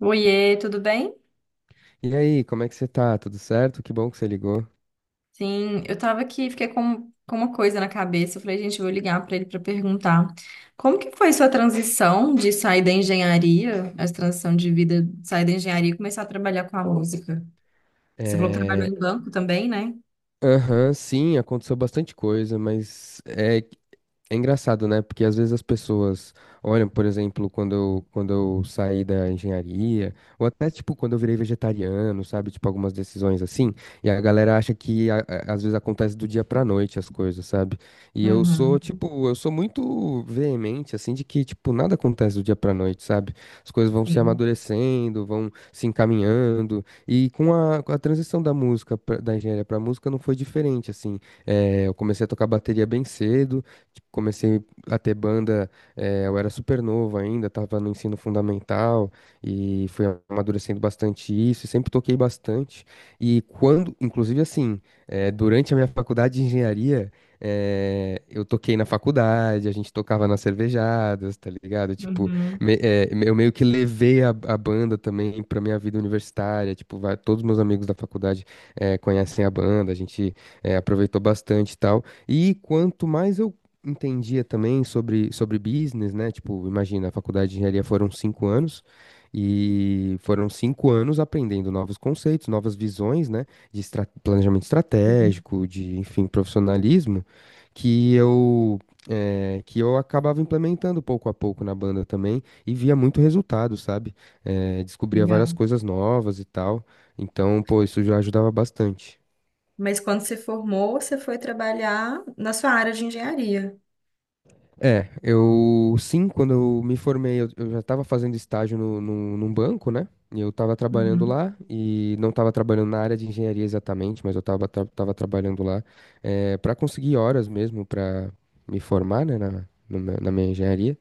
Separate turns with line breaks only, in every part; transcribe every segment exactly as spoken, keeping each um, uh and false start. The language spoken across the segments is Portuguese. Oiê, tudo bem?
E aí, como é que você tá? Tudo certo? Que bom que você ligou.
Sim, eu tava aqui, fiquei com, com uma coisa na cabeça. Eu falei, gente, eu vou ligar pra ele pra perguntar. Como que foi sua transição de sair da engenharia, a transição de vida, de sair da engenharia e começar a trabalhar com a música? Você falou que trabalhou
É.
em banco também, né?
Aham, sim, aconteceu bastante coisa, mas é. É engraçado, né? Porque às vezes as pessoas olham, por exemplo, quando eu, quando eu saí da engenharia, ou até tipo quando eu virei vegetariano, sabe? Tipo algumas decisões assim, e a galera acha que a- a- às vezes acontece do dia pra noite as coisas, sabe? E eu sou,
Uhum,
tipo, eu sou muito veemente, assim, de que, tipo, nada acontece do dia pra noite, sabe? As coisas vão se
sim.
amadurecendo, vão se encaminhando, e com a, com a, transição da música, pra- da engenharia pra música, não foi diferente, assim. Eh, eu comecei a tocar bateria bem cedo. Tipo, comecei a ter banda, eh, eu era super novo ainda, tava no ensino fundamental e fui amadurecendo bastante isso, sempre toquei bastante. E quando, inclusive assim, eh, durante a minha faculdade de engenharia, eh, eu toquei na faculdade, a gente tocava nas cervejadas, tá ligado? Tipo,
Uhum,
me- eh, eu meio que levei a, a, banda também pra minha vida universitária, tipo, vai- todos meus amigos da faculdade eh, conhecem a banda, a gente eh, aproveitou bastante e tal. E quanto mais eu entendia também sobre, sobre business, né? Tipo, imagina, a faculdade de engenharia foram cinco anos e foram cinco anos aprendendo novos conceitos, novas visões, né? De estra- planejamento
sim.
estratégico, de, enfim, profissionalismo, que eu, eh, que eu acabava implementando pouco a pouco na banda também e via muito resultado, sabe? Eh, descobria várias
Legal.
coisas novas e tal. Então, pô, isso já ajudava bastante.
Mas quando você formou, você foi trabalhar na sua área de engenharia.
É, eu sim, quando eu me formei, eu, eu já estava fazendo estágio no, no- num banco, né? E eu estava trabalhando
Uhum,
lá e não estava trabalhando na área de engenharia exatamente, mas eu estava tra tava trabalhando lá para conseguir horas mesmo para me formar, né, na, no meu- na minha engenharia.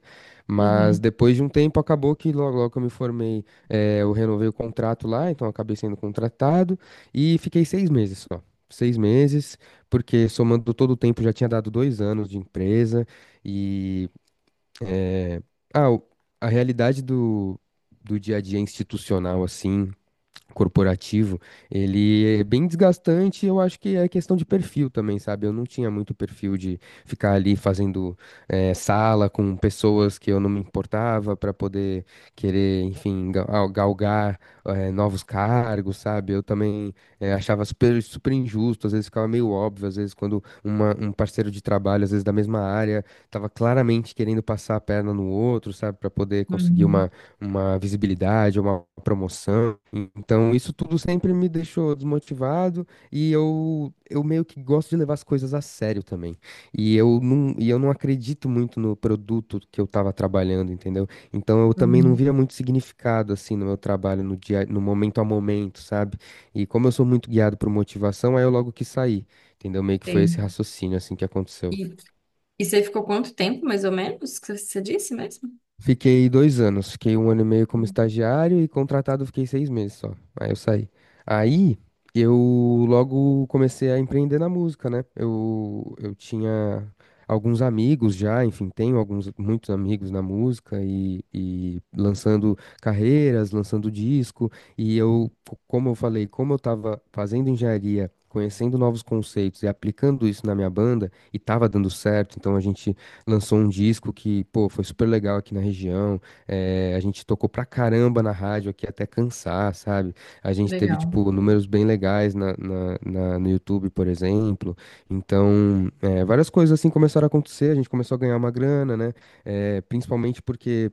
Mas
uhum,
depois de um tempo acabou que logo, logo que eu me formei, eh, eu renovei o contrato lá, então eu acabei sendo contratado e fiquei seis meses só. Seis meses, porque somando todo o tempo já tinha dado dois anos de empresa. E ah, o- a realidade do, do, dia a dia institucional, assim, corporativo, ele é bem desgastante, eu acho que é questão de perfil também, sabe? Eu não tinha muito perfil de ficar ali fazendo eh, sala com pessoas que eu não me importava para poder querer, enfim, ga- ah, galgar eh, novos cargos, sabe? Eu também eh, achava super, super injusto, às vezes ficava meio óbvio, às vezes quando uma- um parceiro de trabalho, às vezes da mesma área, estava claramente querendo passar a perna no outro, sabe? Para poder conseguir
uhum,
uma, uma, visibilidade, uma promoção. Então, isso tudo sempre me deixou desmotivado e eu, eu meio que gosto de levar as coisas a sério também. E eu não, e eu não acredito muito no produto que eu estava trabalhando, entendeu? Então, eu também não
uhum.
via muito significado assim no meu trabalho, no dia, no momento a momento, sabe? E como eu sou muito guiado por motivação, aí eu logo quis sair, entendeu? Meio que foi
Sei.
esse raciocínio assim que aconteceu.
E, E você ficou quanto tempo, mais ou menos, que você disse mesmo?
Fiquei dois anos, fiquei um ano e meio como estagiário e contratado fiquei seis meses só. Aí eu saí. Aí eu logo comecei a empreender na música, né? Eu, eu tinha alguns amigos já, enfim, tenho alguns, muitos amigos na música e, e lançando carreiras, lançando disco. E eu, co- como eu falei, como eu tava fazendo engenharia. Conhecendo novos conceitos e aplicando isso na minha banda, e tava dando certo, então a gente lançou um disco que, pô, foi super legal aqui na região. eh, a gente tocou pra caramba na rádio aqui até cansar, sabe? A gente teve,
Legal.
tipo, números bem legais na, na- na- no YouTube, por exemplo. Então, eh, várias coisas assim começaram a acontecer, a gente começou a ganhar uma grana, né? Eh, principalmente porque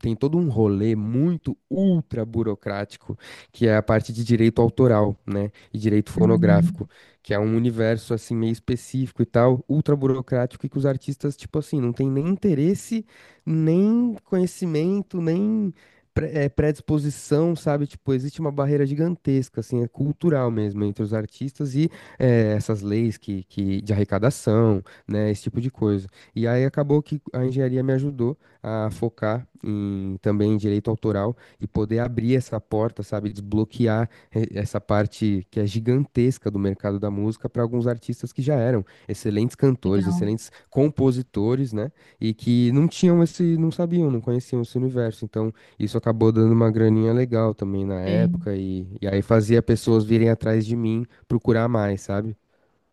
tem todo um rolê muito ultra burocrático, que é a parte de direito autoral, né? E direito
Uhum.
fonográfico, que é um universo assim meio específico e tal, ultra burocrático e que os artistas, tipo assim, não tem nem interesse, nem conhecimento, nem pre- eh, predisposição, sabe? Tipo, existe uma barreira gigantesca, assim, é cultural mesmo entre os artistas e eh, essas leis que, que de arrecadação, né? Esse tipo de coisa. E aí acabou que a engenharia me ajudou a focar em também direito autoral e poder abrir essa porta, sabe, desbloquear eh, essa parte que é gigantesca do mercado da música para alguns artistas que já eram excelentes cantores,
Legal.
excelentes compositores, né, e que não tinham esse, não sabiam, não conheciam esse universo. Então, isso acabou dando uma graninha legal também na
Sei.
época e, e aí fazia pessoas virem atrás de mim procurar mais, sabe?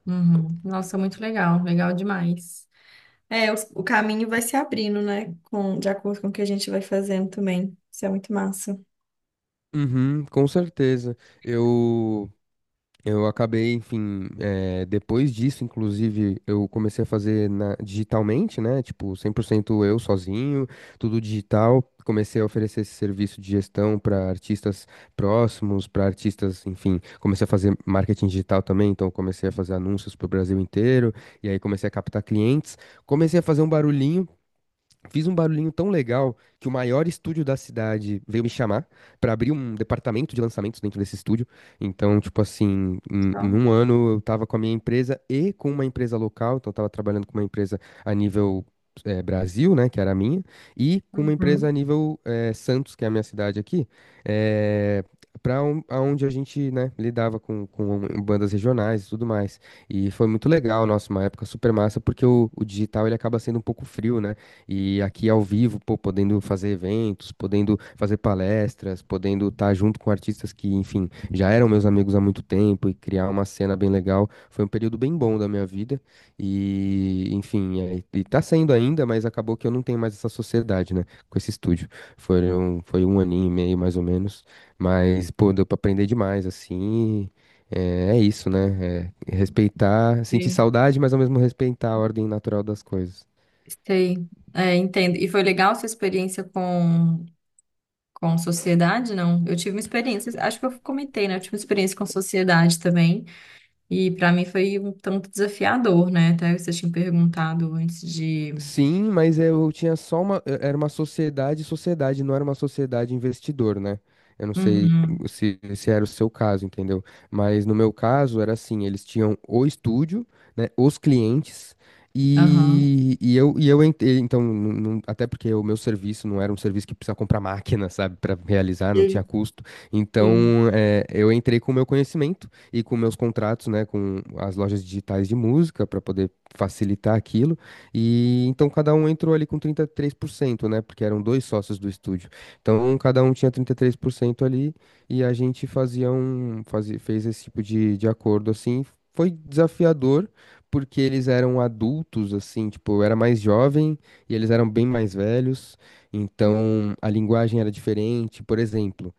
Uhum. Nossa, muito legal. Legal demais. É, o, o caminho vai se abrindo, né? Com, de acordo com o que a gente vai fazendo também. Isso é muito massa.
Uhum, com certeza. Eu Eu acabei, enfim, eh, depois disso, inclusive, eu comecei a fazer na- digitalmente, né? Tipo, cem por cento eu sozinho, tudo digital. Comecei a oferecer esse serviço de gestão para artistas próximos, para artistas, enfim. Comecei a fazer marketing digital também, então comecei a fazer anúncios para o Brasil inteiro. E aí comecei a captar clientes. Comecei a fazer um barulhinho. Fiz um barulhinho tão legal que o maior estúdio da cidade veio me chamar pra abrir um departamento de lançamentos dentro desse estúdio. Então, tipo assim, em, em,
Então,
um ano eu tava com a minha empresa e com uma empresa local, então eu tava trabalhando com uma empresa a nível eh, Brasil, né, que era a minha, e com uma empresa a
uhum.
nível eh, Santos, que é a minha cidade aqui, eh, para onde a gente, né, lidava com, com, bandas regionais e tudo mais. E foi muito legal, nossa, uma época super massa, porque o, o digital ele acaba sendo um pouco frio, né? E aqui ao vivo, pô, podendo fazer eventos, podendo fazer palestras, podendo estar junto com artistas que, enfim, já eram meus amigos há muito tempo e criar uma cena bem legal. Foi um período bem bom da minha vida. E, enfim, é, e tá sendo ainda, mas acabou que eu não tenho mais essa sociedade, né, com esse estúdio. Foi um, foi um aninho e meio, mais ou menos. Mas, pô, deu pra aprender demais, assim. É, é isso, né? É respeitar, sentir
Sei.
saudade, mas ao mesmo respeitar a ordem natural das coisas.
Sei. É, entendo. E foi legal a sua experiência com, com sociedade, não? Eu tive uma experiência, acho que eu comentei, né? Eu tive uma experiência com sociedade também. E para mim foi um tanto desafiador, né? Até você tinha perguntado antes de.
Sim, mas eu tinha só uma. eu- Era uma sociedade, sociedade, não era uma sociedade investidor, né? Eu não sei
Uhum,
se, se era o seu caso, entendeu? Mas no meu caso era assim: eles tinham o estúdio, né? Os clientes.
aham.
E, e eu, e eu entrei, então, não- não- até porque o meu serviço não era um serviço que precisa comprar máquina, sabe, para realizar, não tinha
Sim,
custo. Então,
sim.
eh, eu entrei com o meu conhecimento e com meus contratos, né, com as lojas digitais de música, para poder facilitar aquilo. E então cada um entrou ali com trinta e três por cento, né? Porque eram dois sócios do estúdio. Então cada um tinha trinta e três por cento ali e a gente fazia um, fazia, fez esse tipo de, de acordo assim. Foi desafiador porque eles eram adultos, assim, tipo, eu era mais jovem e eles eram bem mais velhos, então a linguagem era diferente. Por exemplo,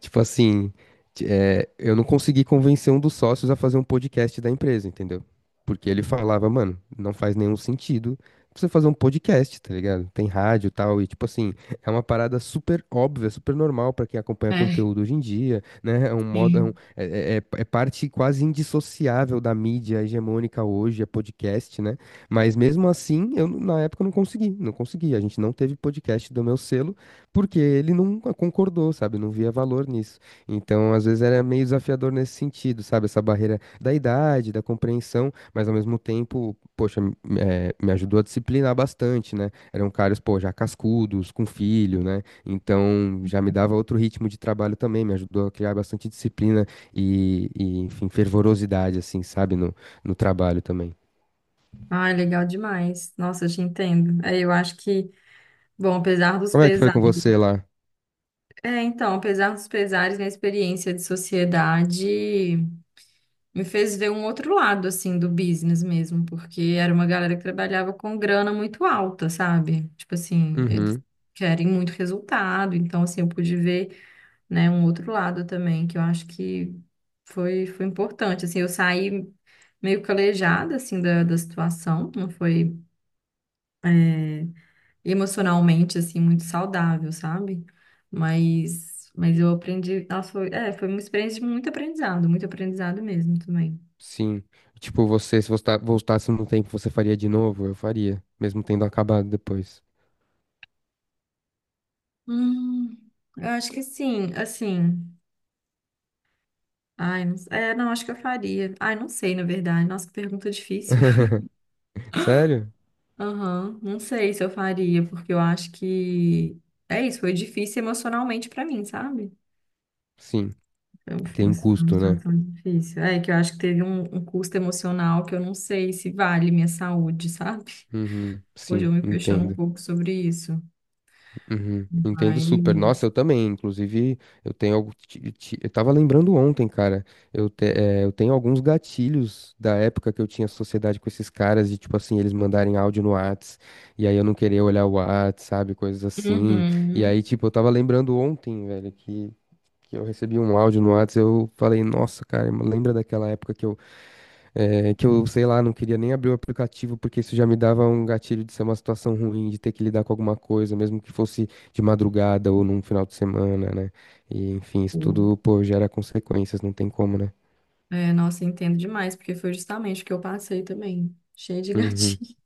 tipo assim, t- é, eu não consegui convencer um dos sócios a fazer um podcast da empresa, entendeu? Porque ele falava, mano, não faz nenhum sentido você fazer um podcast, tá ligado? Tem rádio e tal, e tipo assim, é uma parada super óbvia, super normal pra quem acompanha
É,
conteúdo hoje em dia, né? É um modo, é, um-
sim.
é- é- é é parte quase indissociável da mídia hegemônica hoje, é podcast, né? Mas mesmo assim, eu n- na época eu não consegui, não consegui. A gente não teve podcast do meu selo. Porque ele não concordou, sabe? Não via valor nisso. Então, às vezes era meio desafiador nesse sentido, sabe? Essa barreira da idade, da compreensão, mas ao mesmo tempo, poxa, m- eh, me ajudou a disciplinar bastante, né? Eram caras, pô, já cascudos, com filho, né? Então, já me dava outro ritmo de trabalho também, me ajudou a criar bastante disciplina e, e, enfim, fervorosidade, assim, sabe? No, no trabalho também.
Ah, legal demais. Nossa, eu te entendo. É, eu acho que, bom, apesar dos
Como é que foi com
pesares.
você lá?
É, então, apesar dos pesares, minha experiência de sociedade me fez ver um outro lado, assim, do business mesmo, porque era uma galera que trabalhava com grana muito alta, sabe? Tipo assim, eles
Uhum.
querem muito resultado, então, assim, eu pude ver. Né? Um outro lado também, que eu acho que foi, foi importante, assim, eu saí meio calejada, assim, da, da situação, não foi emocionalmente, assim, muito saudável, sabe? Mas, mas eu aprendi, nossa, foi, é, foi uma experiência de muito aprendizado, muito aprendizado mesmo também.
Sim. Tipo, você, se você tá- voltasse no tempo, você faria de novo? Eu faria, mesmo tendo acabado depois.
Hum, eu acho que sim, assim, ai, não, é, não, acho que eu faria, ai, não sei, na verdade, nossa, que pergunta difícil.
Sério?
Aham, não sei se eu faria, porque eu acho que é isso, foi difícil emocionalmente pra mim, sabe?
Sim.
Foi um- foi
Tem
uma
um custo, né?
situação difícil. É que eu acho que teve um, um custo emocional que eu não sei se vale minha saúde, sabe?
Uhum,
Hoje
sim,
eu me questiono um
entendo.
pouco sobre isso.
Uhum, entendo super. Nossa,
Mas.
eu também. Inclusive, eu tenho algo. ti- ti- Eu tava lembrando ontem, cara. Eu, te- eh, eu tenho alguns gatilhos da época que eu tinha sociedade com esses caras, de tipo assim, eles mandarem áudio no Whats, e aí eu não querer olhar o Whats, sabe? Coisas assim. E
Uhum.
aí, tipo, eu tava lembrando ontem, velho, que. que eu recebi um áudio no Whats, eu falei, nossa, cara, lembra daquela época que eu, eh, que eu, sei lá, não queria nem abrir o aplicativo, porque isso já me dava um gatilho de ser uma situação ruim, de ter que lidar com alguma coisa, mesmo que fosse de madrugada ou num final de semana, né? E, enfim, isso tudo, pô, gera consequências, não tem como, né?
É, nossa, eu entendo demais, porque foi justamente o que eu passei também. Cheio de
Uhum.
gatinho.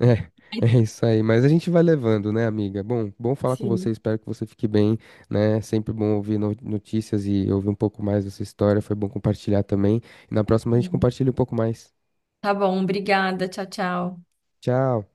É, é isso aí. Mas a gente vai levando, né, amiga? Bom, bom falar com
Sim.
você. Espero que você fique bem, né? Sempre bom ouvir no- notícias e ouvir um pouco mais dessa história. Foi bom compartilhar também. E na próxima a gente
Sim.
compartilha um pouco mais.
Tá bom, obrigada. Tchau, tchau.
Tchau.